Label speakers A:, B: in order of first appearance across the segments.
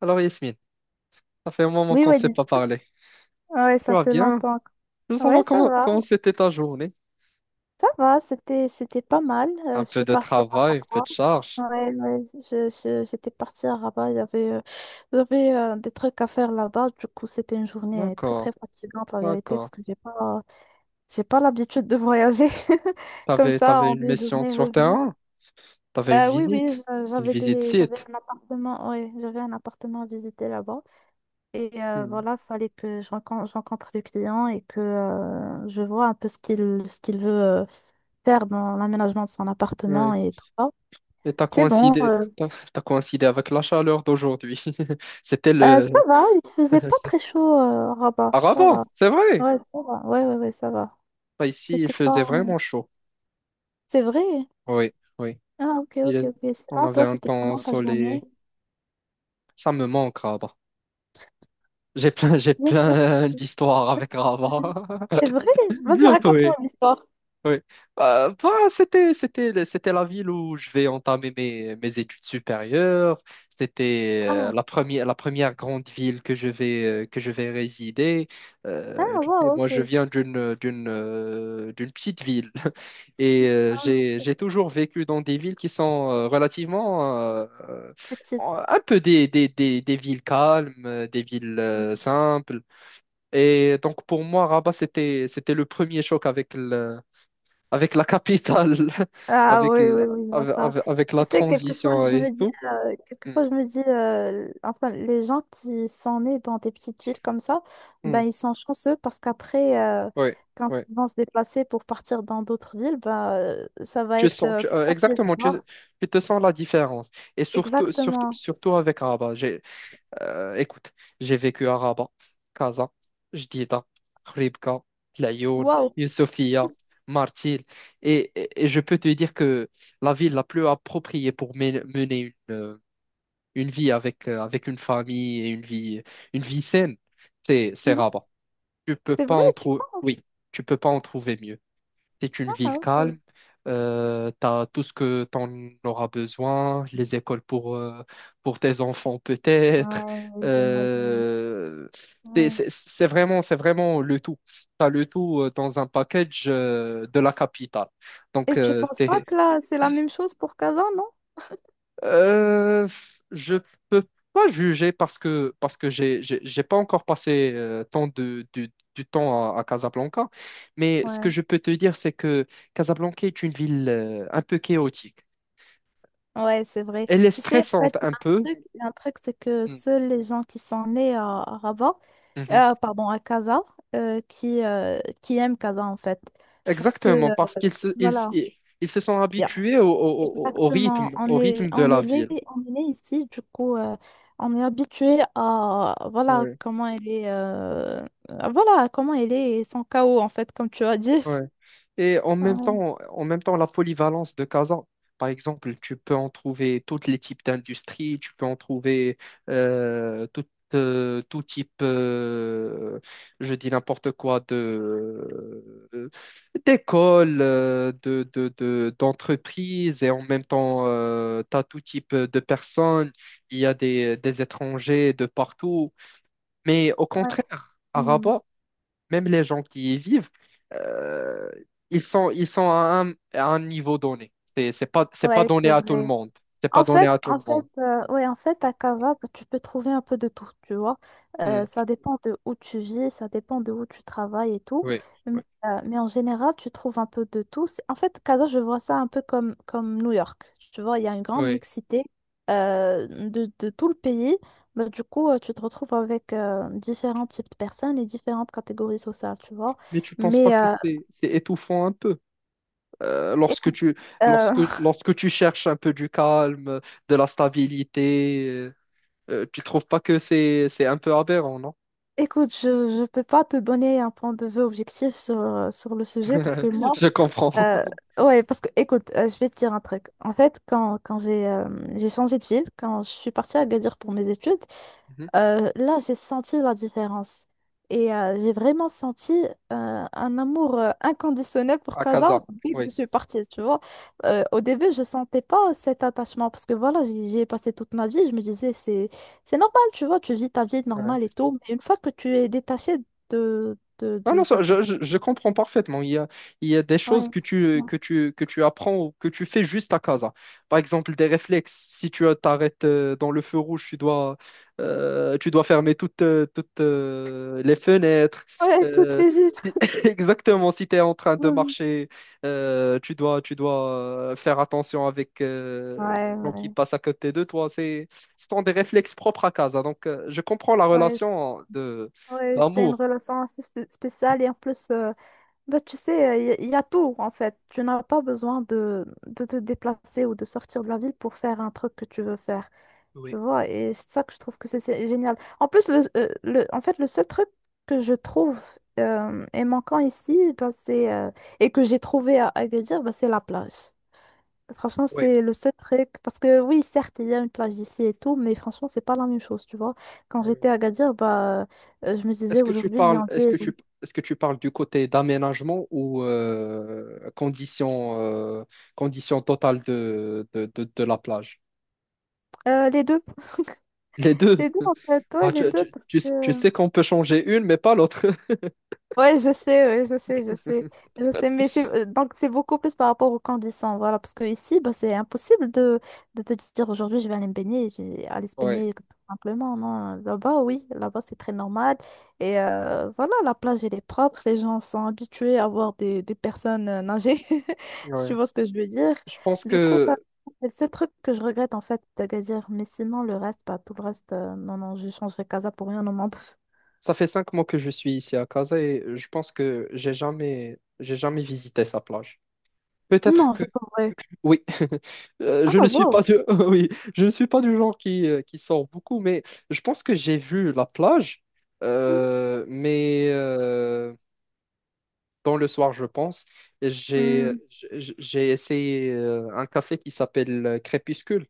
A: Alors Yasmine, ça fait un moment
B: Oui,
A: qu'on ne
B: oui
A: s'est
B: dites-
A: pas parlé.
B: ouais,
A: Tu
B: ça
A: vas
B: fait
A: bien?
B: longtemps.
A: Je veux
B: Ouais,
A: savoir comment comment c'était ta journée.
B: ça va, c'était pas mal.
A: Un
B: Je
A: peu
B: suis
A: de
B: partie à
A: travail, un peu
B: Rabat.
A: de charge.
B: Ouais, ouais, j'étais partie à Rabat, il y avait des trucs à faire là-bas. Du coup, c'était une journée très très
A: D'accord,
B: fatigante, la vérité, parce
A: d'accord.
B: que j'ai pas l'habitude de voyager comme
A: T'avais
B: ça
A: t'avais
B: en
A: une
B: une
A: mission
B: journée
A: sur
B: revenir.
A: terrain? T'avais une
B: Oui, oui,
A: visite? Une visite
B: j'avais
A: site?
B: un appartement, ouais, j'avais un appartement à visiter là-bas. Et
A: Hmm.
B: voilà, fallait que je rencontre le client et que je vois un peu ce qu'il veut faire dans l'aménagement de son appartement
A: Oui.
B: et tout ça.
A: Et
B: C'est bon. euh.
A: t'as coïncidé avec la chaleur d'aujourd'hui. C'était le.
B: Ça va, il faisait pas
A: c'est-
B: très chaud, Rabat.
A: à
B: Ça
A: Rabat,
B: va.
A: c'est vrai.
B: Ouais, ça va. Ouais, ouais, ouais, ça va.
A: Bah, ici, il
B: C'était pas...
A: faisait vraiment chaud.
B: C'est vrai?
A: Oui, oui.
B: Ah, ok,
A: Il
B: ok,
A: est-
B: ok.
A: On
B: Sinon,
A: avait
B: toi,
A: un
B: c'était
A: temps
B: comment ta journée?
A: ensoleillé. Ça me manque, Rabat. J'ai plein d'histoires avec Rabat.
B: C'est vrai? Vas-y, raconte-moi l'histoire.
A: Oui, oui. Bah, c'était la ville où je vais entamer mes études supérieures. C'était
B: Ah,
A: la première grande ville que je vais résider.
B: ah,
A: Tu sais,
B: wow,
A: moi,
B: ok.
A: je viens d'une petite ville. Et
B: Ah,
A: j'ai,
B: ok,
A: j'ai toujours vécu dans des villes qui sont relativement
B: petite.
A: un peu des villes calmes, des villes
B: Hmm.
A: simples. Et donc pour moi, Rabat, c'était le premier choc avec avec la capitale,
B: Ah
A: avec,
B: oui,
A: le-
B: oui, oui, non,
A: avec,
B: ça.
A: avec- avec la
B: Tu sais, quelquefois,
A: transition
B: je
A: et
B: me dis,
A: tout. Mm,
B: quelquefois, je me dis, enfin, les gens qui sont nés dans des petites villes comme ça,
A: mm,
B: ben, ils sont chanceux parce qu'après,
A: ouais,
B: quand
A: ouais.
B: ils vont se déplacer pour partir dans d'autres villes, ben, ça va
A: Tu
B: être
A: sens, tu-
B: plus
A: euh,
B: facile.
A: exactement,
B: Tu
A: tu,
B: vois.
A: tu te sens la différence. Et surtout, surtout,
B: Exactement.
A: surtout avec Rabat. Écoute, j'ai vécu à Rabat, Casa, Jdida, Khouribga, Laayoune,
B: Waouh.
A: Youssoufia, Martil. Et je peux te dire que la ville la plus appropriée pour mener une vie avec une famille et une vie saine, c'est
B: Mhm.
A: Rabat. Tu peux
B: C'est
A: pas
B: vrai,
A: en
B: tu
A: trouver,
B: penses?
A: oui, tu peux pas en trouver mieux. C'est une
B: Ah,
A: ville
B: ok.
A: calme, tu as tout ce que tu en auras besoin, les écoles pour tes enfants peut-être.
B: Ouais, j'imagine.
A: Euh, c'est
B: Ouais.
A: c'est- c'est vraiment, c'est vraiment le tout. Tu as le tout dans un package de la capitale. Donc,
B: Et tu penses pas
A: tu
B: que là, c'est la même chose pour Kazan,
A: Euh, je peux pas juger parce que j'ai pas encore passé tant de, du temps à Casablanca, mais ce que
B: non?
A: je peux te dire c'est que Casablanca est une ville un peu chaotique.
B: Ouais, c'est vrai.
A: Elle est
B: Tu sais, en fait,
A: stressante un peu.
B: il y a un truc, c'est que
A: Mm.
B: seuls les gens qui sont nés à Rabat,
A: Mhm.
B: pardon, à Casa, qui aiment Casa, en fait. Parce que,
A: Exactement parce qu'ils se ils, se-
B: voilà,
A: ils se sont
B: il y a-
A: habitués au
B: exactement,
A: rythme au rythme de la ville.
B: on est né ici, du coup, on est habitué à, voilà,
A: Ouais,
B: comment elle est, voilà, comment elle est et son chaos, en fait, comme tu as dit.
A: ouais. Et en même temps, en même temps, la polyvalence de Casa, par exemple, tu peux en trouver tous les types d'industries, tu peux en trouver euh, tout, tout type, je dis n'importe quoi, d'écoles, d'entreprises, et en même temps, tu as tout type de personnes, il y a des étrangers de partout. Mais au
B: Ouais, ouais.
A: contraire, à
B: Hmm.
A: Rabat, même les gens qui y vivent, euh, ils sont à un niveau donné. C'est pas
B: Ouais,
A: donné
B: c'est
A: à tout le
B: vrai.
A: monde. C'est pas donné à tout
B: En
A: le
B: fait,
A: monde.
B: ouais, en fait, à Casa, bah, tu peux trouver un peu de tout, tu vois.
A: Hmm.
B: Ça dépend de où tu vis, ça dépend de où tu travailles et tout.
A: Oui,
B: Mais,
A: oui,
B: mais en général, tu trouves un peu de tout. En fait, Casa, je vois ça un peu comme New York. Tu vois, il y a une grande
A: oui.
B: mixité de tout le pays. Bah, du coup, tu te retrouves avec différents types de personnes et différentes catégories sociales, tu vois.
A: Mais tu penses pas
B: Mais
A: que c'est étouffant un peu euh, lorsque
B: écoute,
A: tu,
B: euh,
A: lorsque, lorsque tu cherches un peu du calme, de la stabilité, tu trouves pas que c'est un peu aberrant, non?
B: Écoute, je ne peux pas te donner un point de vue objectif sur, sur le sujet parce que moi,
A: Je comprends.
B: euh, ouais, parce que écoute, je vais te dire un truc. En fait, quand j'ai changé de ville, quand je suis partie à Agadir pour mes études,
A: Mhm.
B: là, j'ai senti la différence. Et j'ai vraiment senti un amour inconditionnel pour
A: À
B: Casa
A: Casa,
B: dès que je
A: oui.
B: suis partie, tu vois. Au début, je sentais pas cet attachement parce que voilà, j'y ai passé toute ma vie. Je me disais, c'est normal, tu vois, tu vis ta vie normale et tout. Mais une fois que tu es détaché
A: Non
B: de
A: non, ça,
B: cette...
A: je comprends parfaitement. Il y a des
B: Ouais,
A: choses que tu,
B: exactement.
A: que tu, que tu apprends ou que tu fais juste à casa. Par exemple, des réflexes. Si tu t'arrêtes dans le feu rouge, tu dois fermer toutes les fenêtres.
B: Ouais, toutes
A: Euh,
B: les vies.
A: si- Exactement. Si tu es en train de marcher, tu dois faire attention avec
B: Ouais,
A: les gens qui
B: ouais.
A: passent à côté de toi. Ce sont des réflexes propres à casa. Donc, je comprends la
B: Ouais,
A: relation
B: ouais, c'est une
A: d'amour.
B: relation assez spéciale et en plus... Bah, tu sais, il y, a y a tout en fait. Tu n'as pas besoin de te déplacer ou de sortir de la ville pour faire un truc que tu veux faire.
A: Oui.
B: Tu vois, et c'est ça que je trouve que c'est génial. En plus, en fait, le seul truc que je trouve est manquant ici, bah, et que j'ai trouvé à Agadir, bah, c'est la plage. Franchement,
A: Oui.
B: c'est le seul truc. Parce que oui, certes, il y a une plage ici et tout, mais franchement, c'est pas la même chose, tu vois. Quand
A: Ouais.
B: j'étais à Agadir, bah, je me
A: Est-ce
B: disais
A: que tu
B: aujourd'hui, il y
A: parles,
B: en avait
A: est-ce que tu parles du côté d'aménagement ou condition totale de la plage?
B: les deux.
A: Les deux.
B: Les deux, en fait, ouais,
A: Bah,
B: les
A: tu,
B: deux,
A: tu-
B: parce
A: tu- s- tu
B: que...
A: sais qu'on peut changer une, mais pas l'autre.
B: Ouais, je sais, je sais, je sais, mais Donc, c'est beaucoup plus par rapport aux conditions, voilà, parce que ici, bah, c'est impossible de te dire, aujourd'hui, je vais aller me baigner, j'ai aller se
A: Ouais.
B: baigner, tout simplement, non, là-bas, oui, là-bas, c'est très normal, et voilà, la plage, elle est propre, les gens sont habitués à voir des personnes nager, si
A: Ouais.
B: tu vois ce que je veux dire,
A: Je pense
B: du coup, bah,
A: que
B: c'est le seul truc que je regrette, en fait, d'Agadir, mais sinon, le reste, bah, tout le reste, non, non, je changerai Casa pour rien au monde.
A: ça fait 5 mois que je suis ici à Casa et je pense que j'ai jamais visité sa plage. Peut-être.
B: Non, c'est pas vrai.
A: Oui. Je
B: Ah,
A: ne suis pas
B: wow.
A: du... oui, je ne suis pas du genre qui sort beaucoup, mais je pense que j'ai vu la plage,
B: Mhm.
A: mais dans le soir, je pense, j'ai
B: Mm.
A: j'ai essayé un café qui s'appelle Crépuscule.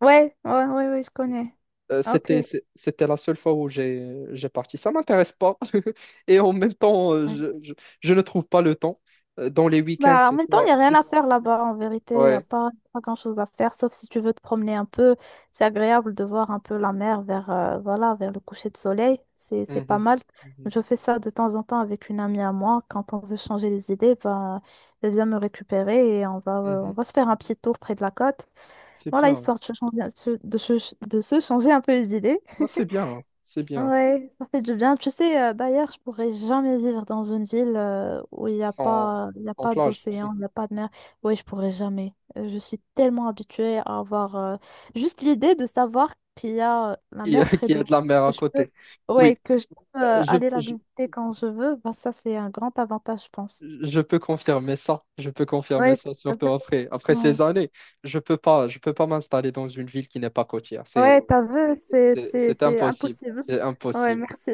B: Ouais, ouais, ouais, ouais, je connais. Ok.
A: C'était la seule fois où j'ai parti. Ça m'intéresse pas et en même temps,
B: Ouais.
A: je ne trouve pas le temps. Dans les week-ends,
B: Bah, en
A: c'est
B: même temps, il
A: toi,
B: n'y a rien
A: c'est
B: à faire là-bas, en vérité. Il n'y a
A: ouais.
B: pas, pas grand-chose à faire, sauf si tu veux te promener un peu. C'est agréable de voir un peu la mer vers, voilà, vers le coucher de soleil. C'est pas
A: Mhm.
B: mal.
A: Mhm.
B: Je fais ça de temps en temps avec une amie à moi. Quand on veut changer les idées, bah, elle vient me récupérer et on
A: Mhm.
B: va se faire un petit tour près de la côte.
A: C'est
B: Voilà,
A: bien.
B: histoire de se changer, de se de se changer un peu les idées.
A: Non, c'est bien, hein, c'est bien,
B: Ouais, ça fait du bien. Tu sais, d'ailleurs, je pourrais jamais vivre dans une ville où
A: sans,
B: il y a
A: sans
B: pas
A: plage,
B: d'océan, il n'y a pas de mer. Oui, je pourrais jamais. Je suis tellement habituée à avoir juste l'idée de savoir qu'il y a la
A: qui,
B: mer près
A: qui
B: de
A: a de
B: moi,
A: la mer à
B: que je peux,
A: côté.
B: ouais,
A: Oui,
B: que je peux
A: euh, je,
B: aller la
A: je,
B: visiter quand je veux. Bah, ça, c'est un grand avantage, je pense.
A: je peux confirmer ça, je peux confirmer
B: Ouais, tout
A: ça,
B: à
A: surtout
B: fait.
A: après
B: Non.
A: ces années. Je peux pas m'installer dans une ville qui n'est pas côtière,
B: Ouais,
A: c'est,
B: t'as vu,
A: c'est, c'est
B: c'est
A: impossible,
B: impossible.
A: c'est
B: Ouais,
A: impossible.
B: merci.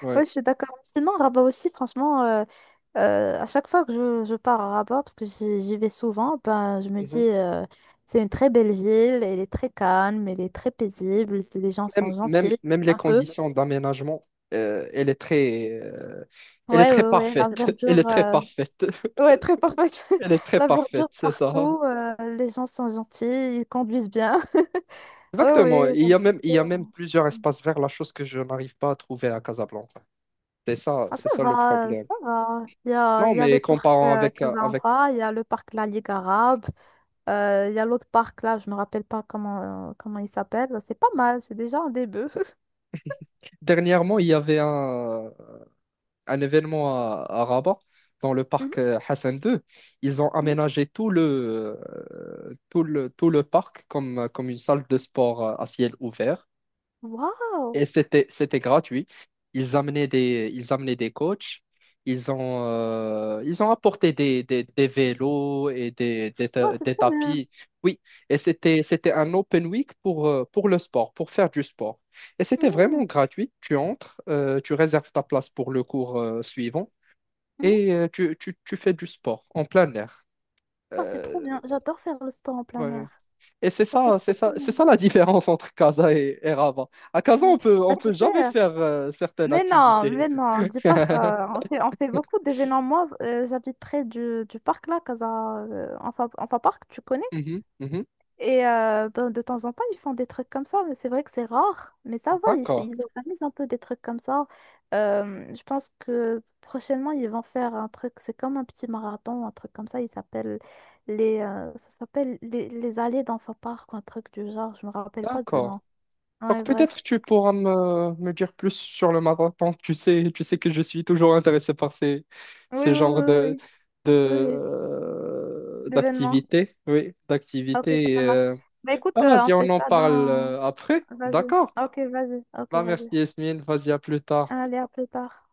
A: Ouais.
B: Oui, je suis d'accord. Sinon, Rabat aussi, franchement, à chaque fois que je pars à Rabat, parce que j'y vais souvent, ben, je me dis,
A: Mhm.
B: c'est une très belle ville, elle est très calme, elle est très paisible, les gens sont
A: Même, même,
B: gentils,
A: même les
B: un peu.
A: conditions d'aménagement, euh, elle est très, euh, elle est
B: Ouais,
A: très
B: ouais, ouais, la
A: parfaite, elle est
B: verdure,
A: très parfaite,
B: ouais, très parfaite.
A: elle est très
B: La
A: parfaite,
B: verdure
A: c'est ça.
B: partout, les gens sont gentils, ils conduisent bien. Oh, oui,
A: Exactement. Il
B: la
A: y a même, il y a même
B: verdure.
A: plusieurs espaces verts, la chose que je n'arrive pas à trouver à Casablanca.
B: Ah,
A: C'est
B: ça
A: ça le
B: va,
A: problème.
B: ça va.
A: Non,
B: Il y a le
A: mais
B: parc
A: comparant avec...
B: Casablanca, il y a le parc La Ligue arabe. Il y a l'autre parc là, je me rappelle pas comment, comment il s'appelle. C'est pas mal, c'est déjà un début.
A: Dernièrement, il y avait un événement à Rabat, dans le
B: Mhm,
A: parc Hassan II. Ils ont
B: mhm.
A: aménagé tout le parc comme une salle de sport à ciel ouvert.
B: Waouh!
A: Et c'était gratuit. Ils amenaient des coachs. Ils ont apporté des vélos et des, des,
B: Ouais,
A: ta-
B: c'est
A: des
B: trop bien.
A: tapis. Oui, et c'était un open week pour le sport, pour faire du sport. Et c'était vraiment
B: Mhm,
A: gratuit. Tu entres, tu réserves ta place pour le cours, suivant
B: mhm.
A: et tu fais du sport en plein air.
B: Oh, c'est trop bien.
A: Euh,
B: J'adore faire le sport en plein
A: ouais.
B: air.
A: Et c'est
B: Ça fait
A: ça, c'est
B: trop du
A: ça, c'est
B: bien.
A: ça la différence entre Casa et, Rabat. À Casa,
B: Ouais.
A: on peut,
B: Bah,
A: on
B: tu
A: peut
B: sais,
A: jamais faire certaines activités.
B: mais non, dis pas ça. On fait beaucoup d'événements. Moi, j'habite près du parc là, Casa, Enfa Park, tu connais?
A: Mhm, mhm.
B: Et ben, de temps en temps, ils font des trucs comme ça, mais c'est vrai que c'est rare. Mais ça va,
A: D'accord,
B: ils organisent un peu des trucs comme ça. Je pense que prochainement, ils vont faire un truc, c'est comme un petit marathon, un truc comme ça. Ça s'appelle les allées d'enfants park, ou un truc du genre. Je me rappelle pas du
A: d'accord.
B: nom. Ouais,
A: Donc
B: bref.
A: peut-être tu pourras me dire plus sur le marathon. Tu sais que je suis toujours intéressé par ces,
B: Oui, oui,
A: ces genres
B: oui, oui,
A: de,
B: oui, oui. L'événement.
A: d'activités. Oui,
B: Ok,
A: d'activités.
B: ça marche. Bah écoute,
A: Bah,
B: on
A: vas-y,
B: fait
A: on en
B: ça
A: parle
B: dans...
A: après.
B: Vas-y.
A: D'accord.
B: Ok, vas-y. Ok,
A: Bah, merci
B: vas-y.
A: Yasmine. Vas-y, à plus tard.
B: Allez, à plus tard.